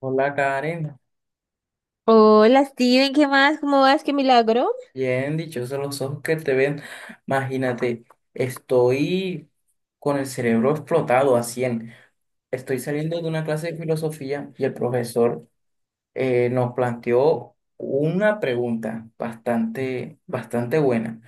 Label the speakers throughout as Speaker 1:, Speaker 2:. Speaker 1: Hola Karen,
Speaker 2: Hola Steven, ¿qué más? ¿Cómo vas? ¿Qué milagro?
Speaker 1: bien dichosos los ojos que te ven. Imagínate, estoy con el cerebro explotado a 100. Estoy saliendo de una clase de filosofía y el profesor nos planteó una pregunta bastante buena.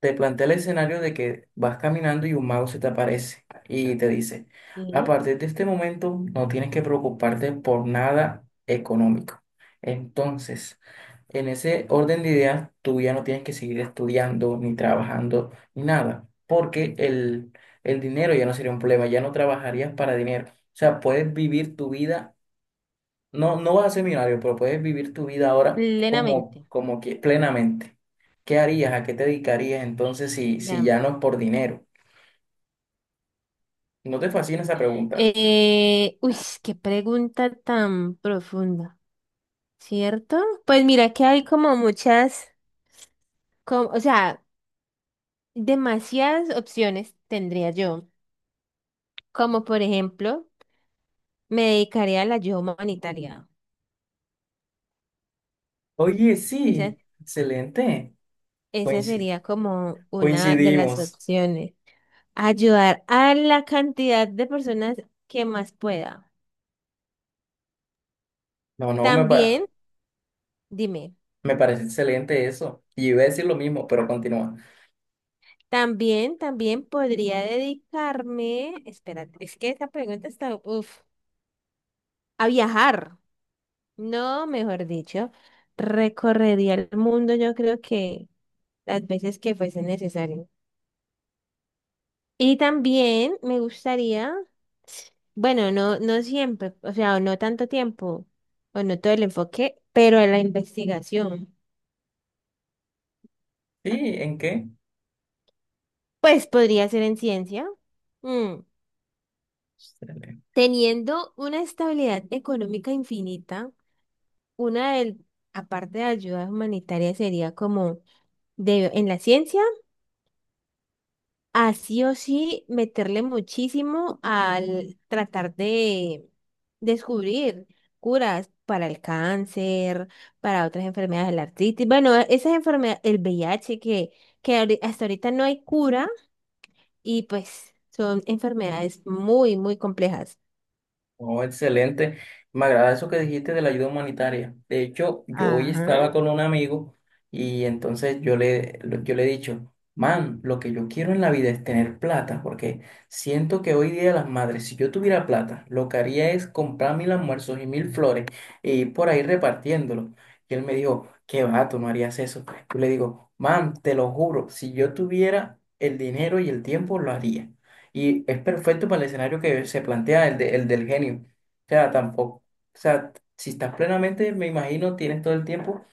Speaker 1: Te plantea el escenario de que vas caminando y un mago se te aparece y te dice, a
Speaker 2: Sí.
Speaker 1: partir de este momento no tienes que preocuparte por nada económico. Entonces, en ese orden de ideas, tú ya no tienes que seguir estudiando ni trabajando ni nada, porque el dinero ya no sería un problema, ya no trabajarías para dinero. O sea, puedes vivir tu vida no, no vas a ser millonario, pero puedes vivir tu vida ahora
Speaker 2: Plenamente.
Speaker 1: como que plenamente. ¿Qué harías? ¿A qué te dedicarías entonces si
Speaker 2: Llame.
Speaker 1: ya no es por dinero? ¿No te fascina esa pregunta?
Speaker 2: Uy, qué pregunta tan profunda, ¿cierto? Pues mira que hay como muchas, como, o sea, demasiadas opciones tendría yo. Como por ejemplo, me dedicaría a la ayuda humanitaria.
Speaker 1: Oye,
Speaker 2: Esa,
Speaker 1: sí, excelente.
Speaker 2: esa
Speaker 1: Coinci-
Speaker 2: sería como una de las
Speaker 1: Coincidimos.
Speaker 2: opciones. Ayudar a la cantidad de personas que más pueda.
Speaker 1: No, no, me, pa-
Speaker 2: También, dime.
Speaker 1: Me parece excelente eso. Y iba a decir lo mismo, pero continúa.
Speaker 2: También podría dedicarme, espérate, es que esa pregunta está, uf, a viajar. No, mejor dicho, recorrería el mundo, yo creo que las veces que fuese necesario. Y también me gustaría, bueno, no, no siempre, o sea, no tanto tiempo, o no todo el enfoque, pero en la investigación.
Speaker 1: Sí, ¿en qué?
Speaker 2: Pues podría ser en ciencia, mm,
Speaker 1: Excelente.
Speaker 2: teniendo una estabilidad económica infinita. Una del, aparte de ayuda humanitaria, sería como de, en la ciencia, así o sí meterle muchísimo al tratar de descubrir curas para el cáncer, para otras enfermedades de la artritis. Bueno, esas enfermedades, el VIH que hasta ahorita no hay cura y pues son enfermedades muy, muy complejas.
Speaker 1: Oh, excelente. Me agrada eso que dijiste de la ayuda humanitaria. De hecho, yo hoy
Speaker 2: Ajá.
Speaker 1: estaba con un amigo y entonces yo le he dicho, man, lo que yo quiero en la vida es tener plata, porque siento que hoy día las madres, si yo tuviera plata, lo que haría es comprar mil almuerzos y mil flores e ir por ahí repartiéndolo. Y él me dijo, qué va, tú no harías eso. Yo le digo, man, te lo juro, si yo tuviera el dinero y el tiempo, lo haría. Y es perfecto para el escenario que se plantea, el del genio. O sea, tampoco. O sea, si estás plenamente, me imagino, tienes todo el tiempo.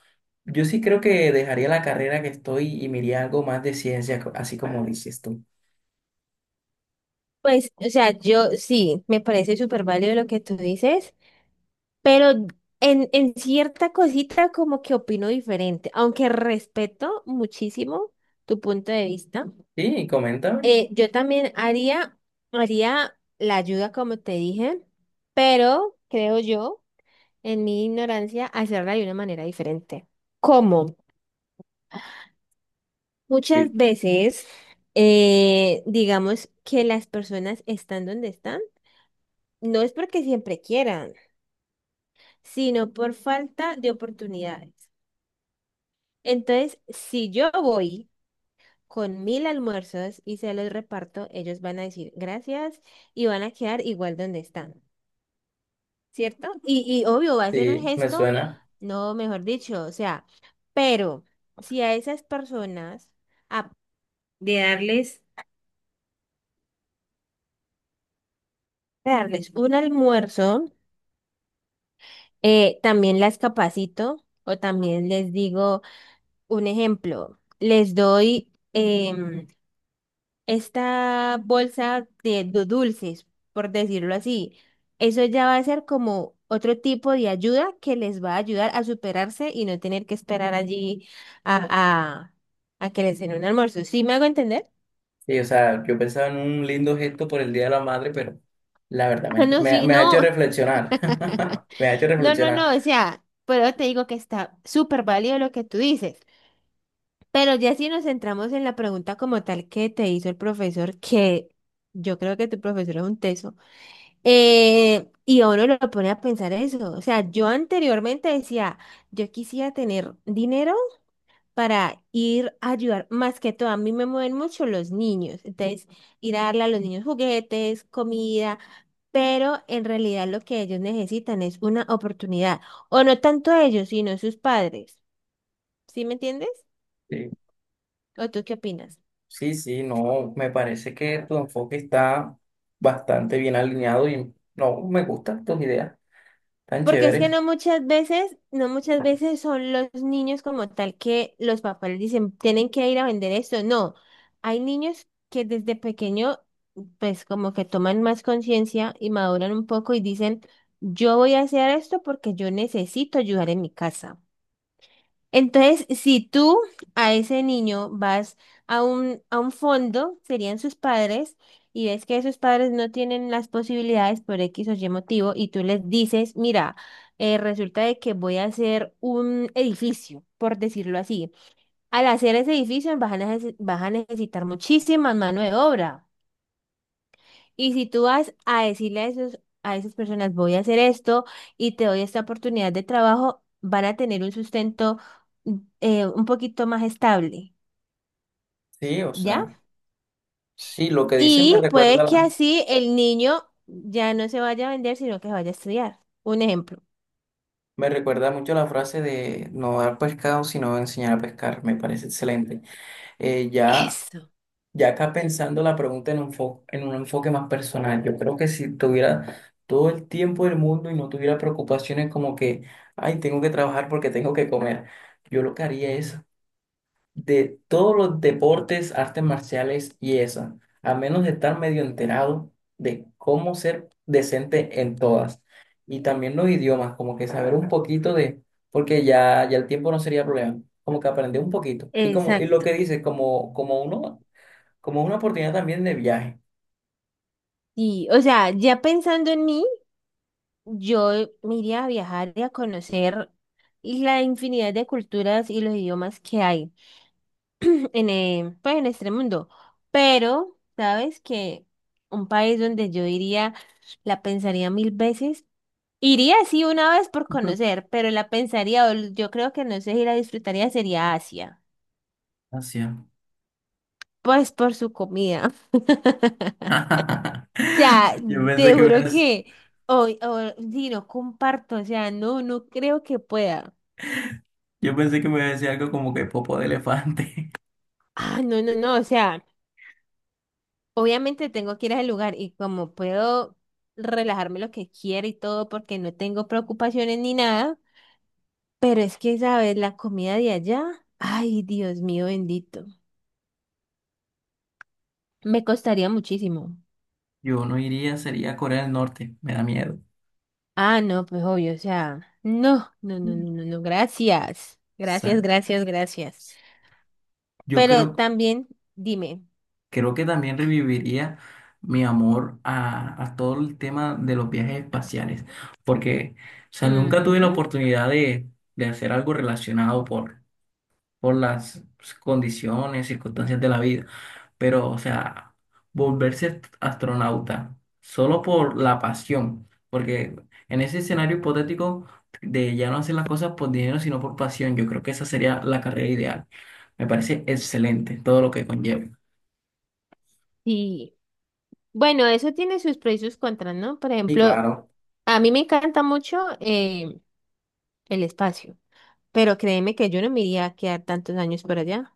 Speaker 1: Yo sí creo que dejaría la carrera que estoy y me iría a algo más de ciencia, así como dices tú.
Speaker 2: Pues, o sea, yo sí, me parece súper válido lo que tú dices. Pero en cierta cosita como que opino diferente, aunque respeto muchísimo tu punto de vista.
Speaker 1: Sí, coméntame.
Speaker 2: Yo también haría, la ayuda como te dije, pero creo yo, en mi ignorancia, hacerla de una manera diferente. ¿Cómo? Muchas
Speaker 1: Sí.
Speaker 2: veces, digamos que las personas están donde están, no es porque siempre quieran, sino por falta de oportunidades. Entonces, si yo voy con 1.000 almuerzos y se los reparto, ellos van a decir gracias y van a quedar igual donde están, ¿cierto? Y obvio, va a ser un
Speaker 1: Sí, me
Speaker 2: gesto,
Speaker 1: suena.
Speaker 2: no, mejor dicho, o sea, pero si a esas personas, a- de darles, de darles un almuerzo, también las capacito o también les digo un ejemplo, les doy, em, esta bolsa de, dulces, por decirlo así. Eso ya va a ser como otro tipo de ayuda que les va a ayudar a superarse y no tener que esperar allí a, a, a que les den un almuerzo. ¿Sí me hago entender?
Speaker 1: Sí, o sea, yo pensaba en un lindo gesto por el Día de la Madre, pero la verdad
Speaker 2: Ah,
Speaker 1: me,
Speaker 2: no,
Speaker 1: me,
Speaker 2: sí,
Speaker 1: me ha hecho
Speaker 2: no,
Speaker 1: reflexionar. Me ha hecho
Speaker 2: no, no,
Speaker 1: reflexionar.
Speaker 2: no, o sea, pero te digo que está súper válido lo que tú dices, pero ya si nos centramos en la pregunta como tal que te hizo el profesor, que yo creo que tu profesor es un teso. Y a uno lo pone a pensar eso. O sea, yo anteriormente decía, yo quisiera tener dinero para ir a ayudar, más que todo, a mí me mueven mucho los niños. Entonces, ir a darle a los niños juguetes, comida, pero en realidad lo que ellos necesitan es una oportunidad. O no tanto ellos, sino sus padres. ¿Sí me entiendes? ¿O tú qué opinas?
Speaker 1: Sí, sí, no, me parece que tu enfoque está bastante bien alineado y no, me gustan tus ideas tan
Speaker 2: Porque es que
Speaker 1: chéveres.
Speaker 2: no muchas veces, no muchas veces son los niños como tal que los papás les dicen, tienen que ir a vender esto. No, hay niños que desde pequeño, pues como que toman más conciencia y maduran un poco y dicen, yo voy a hacer esto porque yo necesito ayudar en mi casa. Entonces, si tú a ese niño vas a un fondo, serían sus padres, y ves que esos padres no tienen las posibilidades por X o Y motivo, y tú les dices, mira, resulta de que voy a hacer un edificio, por decirlo así. Al hacer ese edificio vas a necesitar muchísima mano de obra. Y si tú vas a decirle a esas personas, voy a hacer esto y te doy esta oportunidad de trabajo, van a tener un sustento un poquito más estable,
Speaker 1: Sí, o
Speaker 2: ¿ya?
Speaker 1: sea, sí, lo que dicen me
Speaker 2: Y puede que así el niño ya no se vaya a vender, sino que vaya a estudiar. Un ejemplo.
Speaker 1: me recuerda mucho la frase de no dar pescado, sino enseñar a pescar, me parece excelente. Eh, ya,
Speaker 2: Eso,
Speaker 1: ya acá pensando la pregunta en un en un enfoque más personal, yo creo que si tuviera todo el tiempo del mundo y no tuviera preocupaciones como que, ay, tengo que trabajar porque tengo que comer, yo lo que haría es de todos los deportes, artes marciales y eso, a menos de estar medio enterado de cómo ser decente en todas. Y también los idiomas, como que saber un poquito de, porque ya el tiempo no sería problema, como que aprender un poquito. Y como, y lo
Speaker 2: exacto.
Speaker 1: que dice, como, como uno, como una oportunidad también de viaje.
Speaker 2: Y, o sea, ya pensando en mí, yo me iría a viajar y a conocer la infinidad de culturas y los idiomas que hay. En este mundo. Pero, ¿sabes que un país donde yo iría, la pensaría mil veces? Iría sí una vez por conocer, pero la pensaría, yo creo que no sé si la disfrutaría, sería Asia.
Speaker 1: Gracias.
Speaker 2: Pues por su comida. O sea,
Speaker 1: Yo pensé
Speaker 2: te
Speaker 1: que me,
Speaker 2: juro
Speaker 1: ibas-
Speaker 2: que hoy, o si no comparto, o sea, no, no creo que pueda.
Speaker 1: yo pensé que me iba a decir algo como que popo de elefante.
Speaker 2: Ah, no, no, no, o sea. Obviamente tengo que ir al lugar y como puedo relajarme lo que quiera y todo porque no tengo preocupaciones ni nada, pero es que, ¿sabes? La comida de allá, ay, Dios mío bendito, me costaría muchísimo.
Speaker 1: Yo no iría, sería a Corea del Norte, me da miedo.
Speaker 2: Ah, no, pues obvio, o sea, no, no, no, no, no, no, gracias, gracias,
Speaker 1: Sea,
Speaker 2: gracias, gracias.
Speaker 1: yo
Speaker 2: Pero
Speaker 1: creo,
Speaker 2: también, dime,
Speaker 1: creo que también reviviría mi amor a todo el tema de los viajes espaciales, porque, o sea, nunca tuve la
Speaker 2: ujú,
Speaker 1: oportunidad de hacer algo relacionado por las pues, condiciones, circunstancias de la vida. Pero, o sea, volverse astronauta solo por la pasión, porque en ese escenario hipotético de ya no hacer las cosas por dinero, sino por pasión, yo creo que esa sería la carrera ideal. Me parece excelente todo lo que conlleva.
Speaker 2: sí, bueno, eso tiene sus pros y sus contras, ¿no? Por
Speaker 1: Y
Speaker 2: ejemplo,
Speaker 1: claro.
Speaker 2: a mí me encanta mucho el espacio. Pero créeme que yo no me iría a quedar tantos años por allá.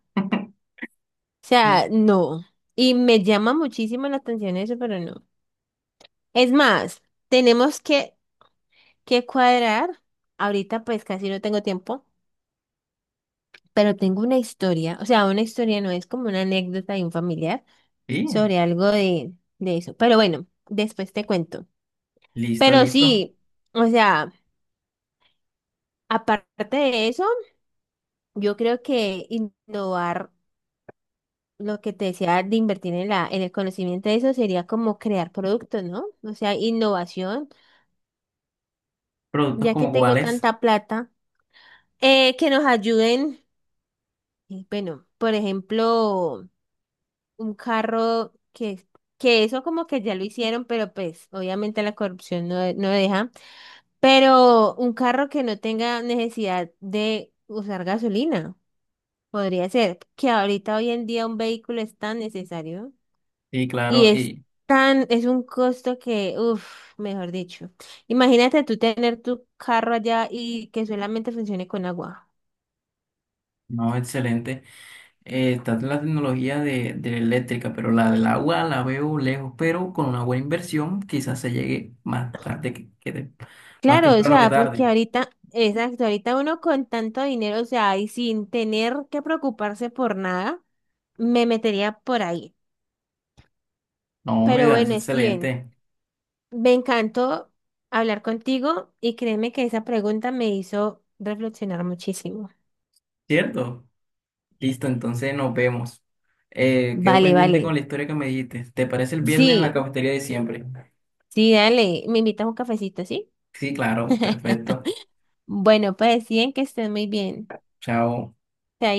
Speaker 2: O sea,
Speaker 1: Mm.
Speaker 2: no. Y me llama muchísimo la atención eso, pero no. Es más, tenemos que cuadrar. Ahorita pues casi no tengo tiempo, pero tengo una historia. O sea, una historia no es como una anécdota de un familiar
Speaker 1: Sí,
Speaker 2: sobre algo de eso. Pero bueno, después te cuento.
Speaker 1: listo,
Speaker 2: Pero
Speaker 1: listo.
Speaker 2: sí, o sea, aparte de eso, yo creo que innovar. Lo que te decía de invertir en el conocimiento de eso sería como crear productos, ¿no? O sea, innovación,
Speaker 1: Productos
Speaker 2: ya que
Speaker 1: como
Speaker 2: tengo
Speaker 1: cuáles,
Speaker 2: tanta plata, que nos ayuden, y bueno, por ejemplo, un carro que eso como que ya lo hicieron, pero pues obviamente la corrupción no, no deja, pero un carro que no tenga necesidad de usar gasolina, podría ser, que ahorita hoy en día un vehículo es tan necesario.
Speaker 1: sí,
Speaker 2: Y
Speaker 1: claro,
Speaker 2: es
Speaker 1: y
Speaker 2: tan, es un costo que, uff, mejor dicho. Imagínate tú tener tu carro allá y que solamente funcione con agua.
Speaker 1: no, excelente. Está la tecnología de la eléctrica, pero la del agua la veo lejos, pero con una buena inversión quizás se llegue más tarde más
Speaker 2: Claro, o
Speaker 1: temprano que
Speaker 2: sea, porque
Speaker 1: tarde.
Speaker 2: ahorita, exacto, ahorita uno con tanto dinero, o sea, y sin tener que preocuparse por nada, me metería por ahí.
Speaker 1: No, me
Speaker 2: Pero
Speaker 1: parece
Speaker 2: bueno, Steven,
Speaker 1: excelente,
Speaker 2: me encantó hablar contigo y créeme que esa pregunta me hizo reflexionar muchísimo.
Speaker 1: ¿cierto? Listo, entonces nos vemos. Quedo
Speaker 2: Vale,
Speaker 1: pendiente con
Speaker 2: vale.
Speaker 1: la historia que me dijiste. ¿Te parece el viernes en la
Speaker 2: Sí,
Speaker 1: cafetería de siempre?
Speaker 2: sí, dale, me invitas un cafecito, ¿sí?
Speaker 1: Sí, claro, perfecto.
Speaker 2: Bueno, pues deciden que estén muy bien.
Speaker 1: Chao.
Speaker 2: Chaito.